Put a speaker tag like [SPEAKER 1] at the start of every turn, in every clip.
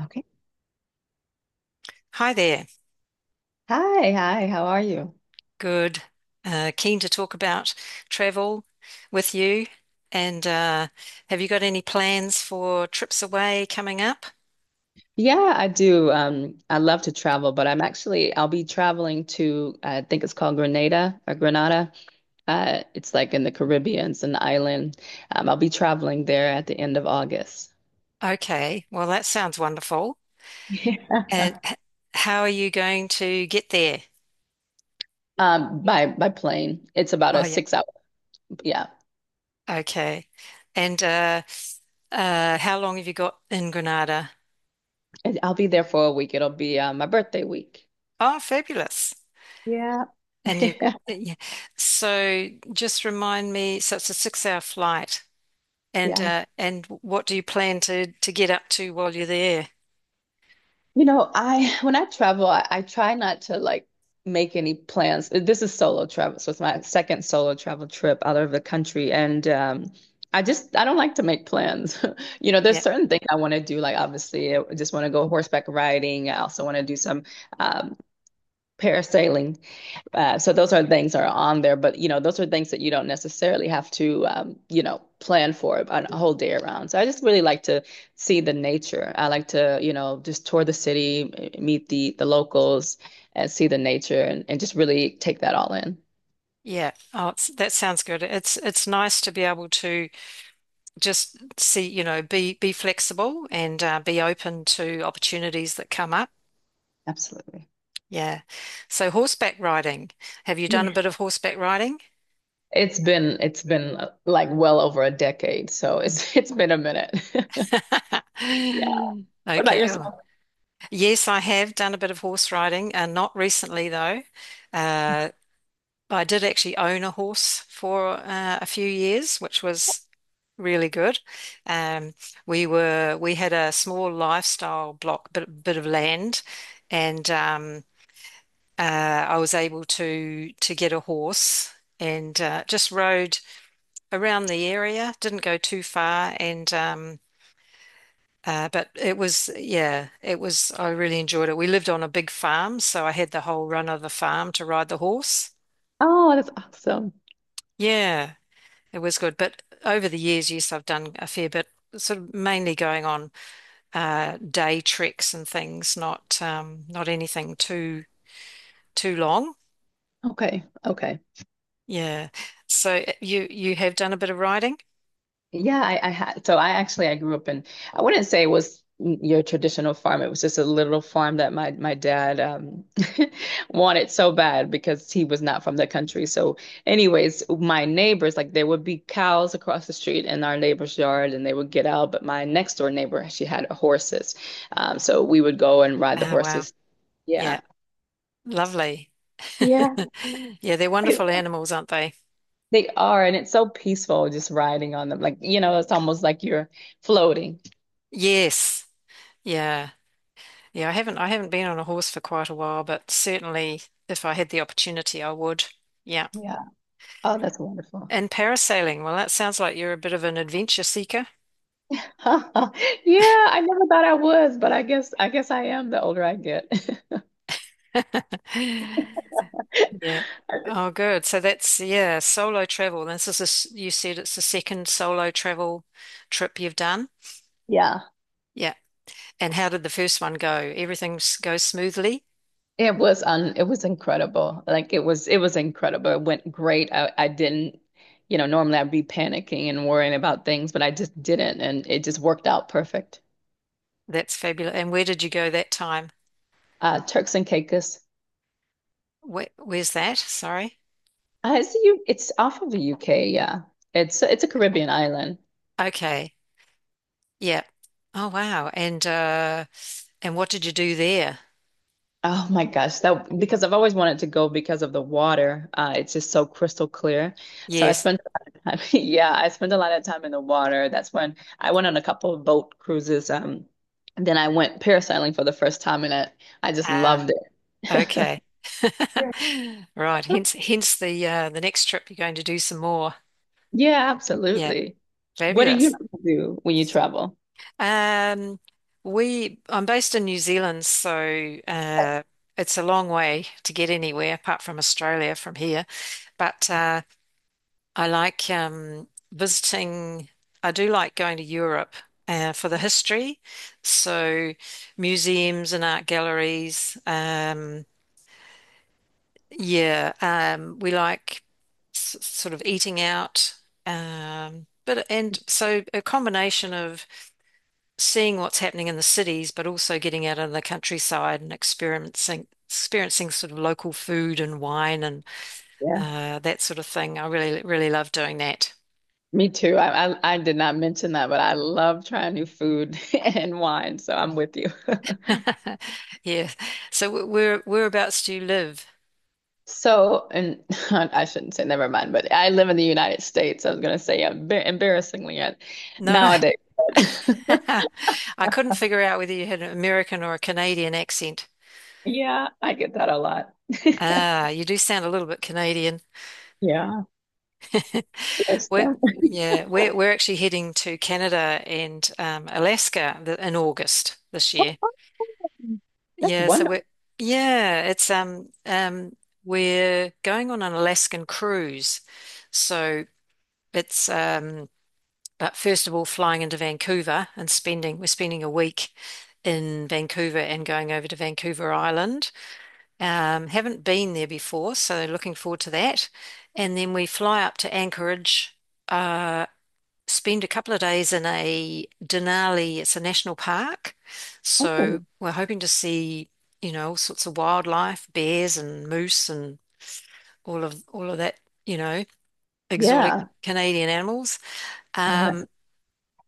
[SPEAKER 1] Okay.
[SPEAKER 2] Hi there.
[SPEAKER 1] Hi, hi, how are you?
[SPEAKER 2] Good. Keen to talk about travel with you. And have you got any plans for trips away coming up?
[SPEAKER 1] Yeah, I do. I love to travel, but I'm actually I'll be traveling to I think it's called Grenada or Grenada. It's like in the Caribbean, it's an island. I'll be traveling there at the end of August.
[SPEAKER 2] Okay. Well, that sounds wonderful.
[SPEAKER 1] Yeah.
[SPEAKER 2] And how are you going to get there?
[SPEAKER 1] By plane. It's about
[SPEAKER 2] Oh,
[SPEAKER 1] a
[SPEAKER 2] yeah.
[SPEAKER 1] 6 hour. Yeah.
[SPEAKER 2] Okay. And how long have you got in Granada?
[SPEAKER 1] And I'll be there for a week. It'll be my birthday week.
[SPEAKER 2] Oh, fabulous.
[SPEAKER 1] Yeah.
[SPEAKER 2] And you, yeah. So just remind me, so it's a 6-hour flight. And
[SPEAKER 1] Yeah.
[SPEAKER 2] uh, and what do you plan to get up to while you're there?
[SPEAKER 1] You know, I when I travel, I try not to like make any plans. This is solo travel, so it's my second solo travel trip out of the country, and I don't like to make plans. You know, there's
[SPEAKER 2] Yeah,
[SPEAKER 1] certain things I want to do. Like obviously, I just want to go horseback riding. I also want to do some um, parasailing. So those are things that are on there, but you know, those are things that you don't necessarily have to, you know, plan for a whole day around. So I just really like to see the nature. I like to, you know, just tour the city, meet the locals, and see the nature, and just really take that all in.
[SPEAKER 2] yeah. Oh, that sounds good. It's nice to be able to just see, be flexible and be open to opportunities that come up.
[SPEAKER 1] Absolutely.
[SPEAKER 2] Yeah. So horseback riding. Have you done a
[SPEAKER 1] Yeah.
[SPEAKER 2] bit of horseback riding?
[SPEAKER 1] It's been like well over a decade, so it's it's been a minute. Yeah. What about
[SPEAKER 2] Okay. Oh.
[SPEAKER 1] yourself?
[SPEAKER 2] Yes, I have done a bit of horse riding, not recently though. Uh, I did actually own a horse for a few years, which was really good. Um, we had a small lifestyle block, bit of land, and I was able to get a horse and just rode around the area. Didn't go too far, and but it was, yeah, it was. I really enjoyed it. We lived on a big farm, so I had the whole run of the farm to ride the horse.
[SPEAKER 1] Oh, that's awesome.
[SPEAKER 2] Yeah. It was good. But over the years, yes, I've done a fair bit, sort of mainly going on day treks and things, not anything too long.
[SPEAKER 1] Okay. Okay.
[SPEAKER 2] Yeah. So you have done a bit of riding?
[SPEAKER 1] Yeah, I had so I actually I grew up in I wouldn't say it was your traditional farm. It was just a little farm that my dad wanted so bad because he was not from the country. So anyways, my neighbors like there would be cows across the street in our neighbor's yard and they would get out, but my next door neighbor she had horses. So we would go and ride the
[SPEAKER 2] Oh, wow.
[SPEAKER 1] horses.
[SPEAKER 2] Yeah.
[SPEAKER 1] Yeah.
[SPEAKER 2] Lovely.
[SPEAKER 1] Yeah.
[SPEAKER 2] Yeah, they're wonderful animals, aren't they?
[SPEAKER 1] They are, and it's so peaceful just riding on them. Like, you know, it's almost like you're floating.
[SPEAKER 2] Yes. Yeah. Yeah, I haven't been on a horse for quite a while, but certainly if I had the opportunity, I would. Yeah.
[SPEAKER 1] Yeah. Oh, that's wonderful.
[SPEAKER 2] And parasailing, well, that sounds like you're a bit of an adventure seeker.
[SPEAKER 1] Yeah, I never thought I was, but I guess I am the older I get.
[SPEAKER 2] Yeah. Oh, good. So yeah, solo travel. This is a, s- you said it's the second solo travel trip you've done.
[SPEAKER 1] Yeah,
[SPEAKER 2] Yeah. And how did the first one go? Everything goes smoothly?
[SPEAKER 1] it was incredible. Like it was incredible. It went great. I didn't, you know, normally I'd be panicking and worrying about things, but I just didn't, and it just worked out perfect.
[SPEAKER 2] That's fabulous. And where did you go that time?
[SPEAKER 1] Turks and Caicos.
[SPEAKER 2] Where's that? Sorry.
[SPEAKER 1] It's you. It's off of the UK. Yeah, it's a Caribbean island.
[SPEAKER 2] Okay. Yeah. Oh, wow. And what did you do there?
[SPEAKER 1] Oh my gosh, that because I've always wanted to go because of the water. It's just so crystal clear. So I
[SPEAKER 2] Yes.
[SPEAKER 1] spent, I mean, yeah, I spent a lot of time in the water. That's when I went on a couple of boat cruises. And then I went parasailing for the first time, and I just
[SPEAKER 2] Ah,
[SPEAKER 1] loved it.
[SPEAKER 2] okay.
[SPEAKER 1] Yeah.
[SPEAKER 2] Right. Hence the next trip you're going to do some more.
[SPEAKER 1] Yeah,
[SPEAKER 2] Yeah.
[SPEAKER 1] absolutely. What do you
[SPEAKER 2] Fabulous.
[SPEAKER 1] do when you travel?
[SPEAKER 2] Um, we I'm based in New Zealand, so it's a long way to get anywhere apart from Australia from here. But I like visiting. I do like going to Europe for the history, so museums and art galleries. Yeah, we like s sort of eating out. But and so a combination of seeing what's happening in the cities, but also getting out in the countryside and experiencing sort of local food and wine and
[SPEAKER 1] Yeah.
[SPEAKER 2] uh, that sort of thing. I really really love doing that.
[SPEAKER 1] Me too. I did not mention that, but I love trying new food and wine, so I'm with you.
[SPEAKER 2] Yeah. So whereabouts do you live?
[SPEAKER 1] So, and I shouldn't say never mind, but I live in the United States. I was going to say embarrassingly
[SPEAKER 2] No,
[SPEAKER 1] nowadays.
[SPEAKER 2] I couldn't figure out whether you had an American or a Canadian accent.
[SPEAKER 1] Yeah, I get that a lot.
[SPEAKER 2] Ah, you do sound a little bit Canadian.
[SPEAKER 1] Yeah, there's
[SPEAKER 2] We're,
[SPEAKER 1] that.
[SPEAKER 2] yeah, we're actually heading to Canada and Alaska in August this year.
[SPEAKER 1] That's
[SPEAKER 2] Yeah, so
[SPEAKER 1] wonderful.
[SPEAKER 2] we're yeah, it's we're going on an Alaskan cruise. So it's but first of all flying into Vancouver and spending we're spending a week in Vancouver and going over to Vancouver Island. Haven't been there before, so looking forward to that. And then we fly up to Anchorage. Uh spend a couple of days in a Denali. It's a national park.
[SPEAKER 1] Oh,
[SPEAKER 2] So we're hoping to see, all sorts of wildlife, bears and moose and all of that, you know, exotic
[SPEAKER 1] yeah.
[SPEAKER 2] Canadian animals.
[SPEAKER 1] Oh, that's
[SPEAKER 2] Um,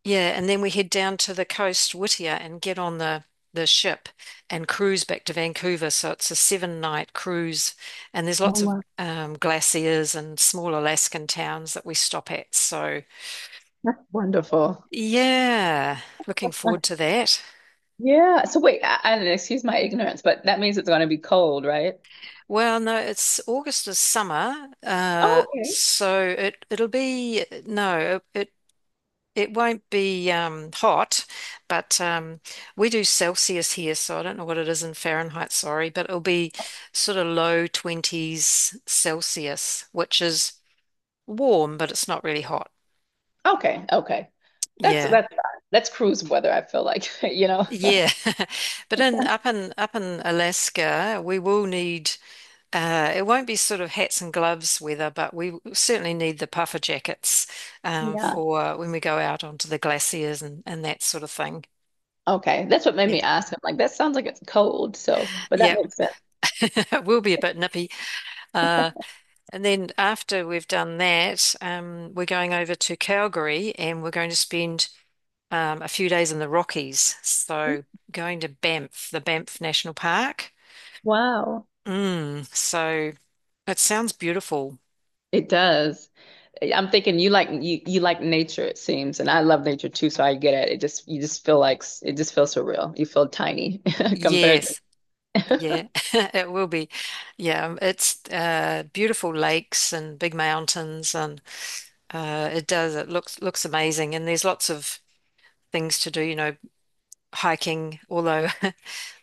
[SPEAKER 2] yeah, and then we head down to the coast, Whittier, and get on the ship and cruise back to Vancouver. So it's a 7-night cruise, and there's
[SPEAKER 1] Oh,
[SPEAKER 2] lots of
[SPEAKER 1] wow.
[SPEAKER 2] glaciers and small Alaskan towns that we stop at.
[SPEAKER 1] That's wonderful.
[SPEAKER 2] Yeah, looking
[SPEAKER 1] Uh,
[SPEAKER 2] forward to that.
[SPEAKER 1] Yeah. So wait, excuse my ignorance, but that means it's going to be cold, right?
[SPEAKER 2] Well, no, it's August is summer,
[SPEAKER 1] Okay.
[SPEAKER 2] so it'll be, no, it won't be hot, but we do Celsius here, so I don't know what it is in Fahrenheit. Sorry, but it'll be sort of low twenties Celsius, which is warm, but it's not really hot.
[SPEAKER 1] Okay. Okay.
[SPEAKER 2] Yeah,
[SPEAKER 1] That's fine. That's cruise weather, I feel like, you know.
[SPEAKER 2] yeah, but in up in up in Alaska, we will need. It won't be sort of hats and gloves weather, but we certainly need the puffer jackets
[SPEAKER 1] Yeah.
[SPEAKER 2] for when we go out onto the glaciers and that sort of thing.
[SPEAKER 1] Okay, that's what made
[SPEAKER 2] Yeah,
[SPEAKER 1] me ask. I'm like, that sounds like it's cold. So, but that
[SPEAKER 2] yeah,
[SPEAKER 1] makes sense.
[SPEAKER 2] it will be a bit nippy. Uh, and then after we've done that, we're going over to Calgary and we're going to spend a few days in the Rockies. So going to Banff, the Banff National Park.
[SPEAKER 1] Wow,
[SPEAKER 2] So it sounds beautiful.
[SPEAKER 1] it does. I'm thinking you like you like nature, it seems, and I love nature too. So I get it. It just you just feel like it just feels surreal. You feel tiny compared to
[SPEAKER 2] Yes. Yeah, it will be. Yeah, it's beautiful lakes and big mountains, and it does. It looks amazing, and there's lots of things to do. Hiking. Although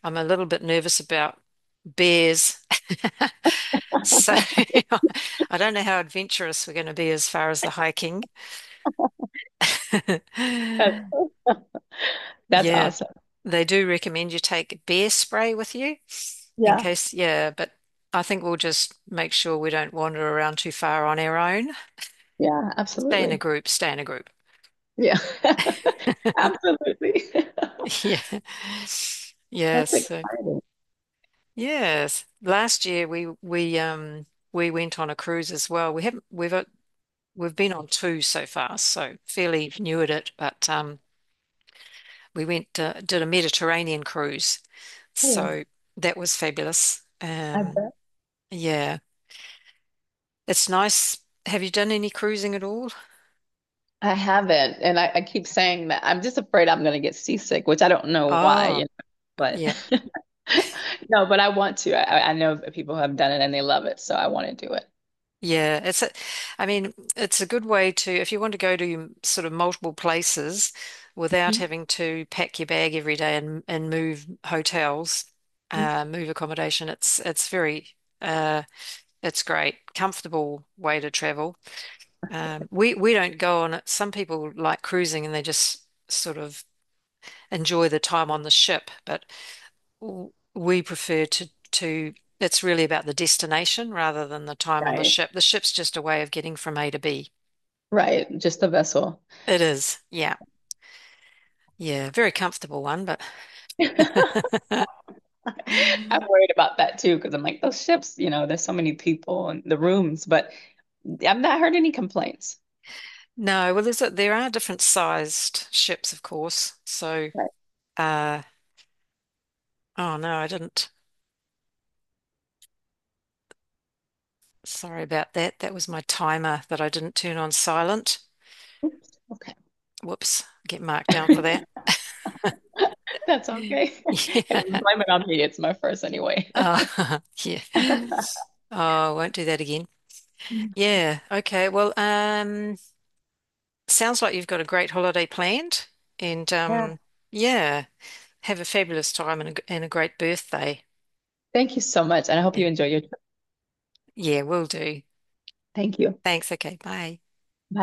[SPEAKER 2] I'm a little bit nervous about bears, so I don't know how adventurous we're going to be as far as the hiking.
[SPEAKER 1] that- that's
[SPEAKER 2] Yeah,
[SPEAKER 1] awesome.
[SPEAKER 2] they do recommend you take bear spray with you in
[SPEAKER 1] Yeah,
[SPEAKER 2] case, yeah, but I think we'll just make sure we don't wander around too far on our own.
[SPEAKER 1] yeah,
[SPEAKER 2] Stay in a
[SPEAKER 1] absolutely.
[SPEAKER 2] group, stay in a group.
[SPEAKER 1] Yeah, absolutely.
[SPEAKER 2] Yeah. Yes.
[SPEAKER 1] That's
[SPEAKER 2] So,
[SPEAKER 1] exciting.
[SPEAKER 2] yes. Last year we went on a cruise as well. We haven't we've been on two so far, so fairly new at it, but we went did a Mediterranean cruise.
[SPEAKER 1] Cool.
[SPEAKER 2] So that was fabulous.
[SPEAKER 1] I bet.
[SPEAKER 2] Yeah. It's nice. Have you done any cruising at all?
[SPEAKER 1] I haven't, and I keep saying that I'm just afraid I'm going to get seasick, which I don't know why, you
[SPEAKER 2] Oh,
[SPEAKER 1] know, but
[SPEAKER 2] yeah.
[SPEAKER 1] no, but I want to. I know that people have done it and they love it, so I want to do it.
[SPEAKER 2] Yeah, I mean, it's a good way to, if you want to go to sort of multiple places without having to pack your bag every day and move hotels,
[SPEAKER 1] Mhm.
[SPEAKER 2] move accommodation, uh it's great, comfortable way to travel. We don't go on it. Some people like cruising and they just sort of enjoy the time on the ship, but we prefer to it's really about the destination rather than the time on the
[SPEAKER 1] Right.
[SPEAKER 2] ship. The ship's just a way of getting from A to B.
[SPEAKER 1] Right, just the vessel.
[SPEAKER 2] It is, yeah, yeah, very comfortable one, but
[SPEAKER 1] I'm worried about that too, because I'm like, those ships, you know, there's so many people in the rooms, but I've not heard any complaints.
[SPEAKER 2] no. Well, there are different sized ships, of course. So,
[SPEAKER 1] Right.
[SPEAKER 2] uh, oh no, I didn't. Sorry about that. That was my timer that I didn't turn on silent.
[SPEAKER 1] Oops. Okay.
[SPEAKER 2] Whoops, get marked down for that.
[SPEAKER 1] That's okay. If you
[SPEAKER 2] Yeah.
[SPEAKER 1] blame it on me, it's my first anyway.
[SPEAKER 2] Oh, yeah. Oh, I won't do that again. Yeah. Okay. Well, sounds like you've got a great holiday planned, and
[SPEAKER 1] Yeah.
[SPEAKER 2] yeah, have a fabulous time and and a great birthday.
[SPEAKER 1] Thank you so much. And I hope
[SPEAKER 2] Yeah.
[SPEAKER 1] you enjoy your trip.
[SPEAKER 2] Yeah, will do.
[SPEAKER 1] Thank you.
[SPEAKER 2] Thanks. Okay. Bye.
[SPEAKER 1] Bye.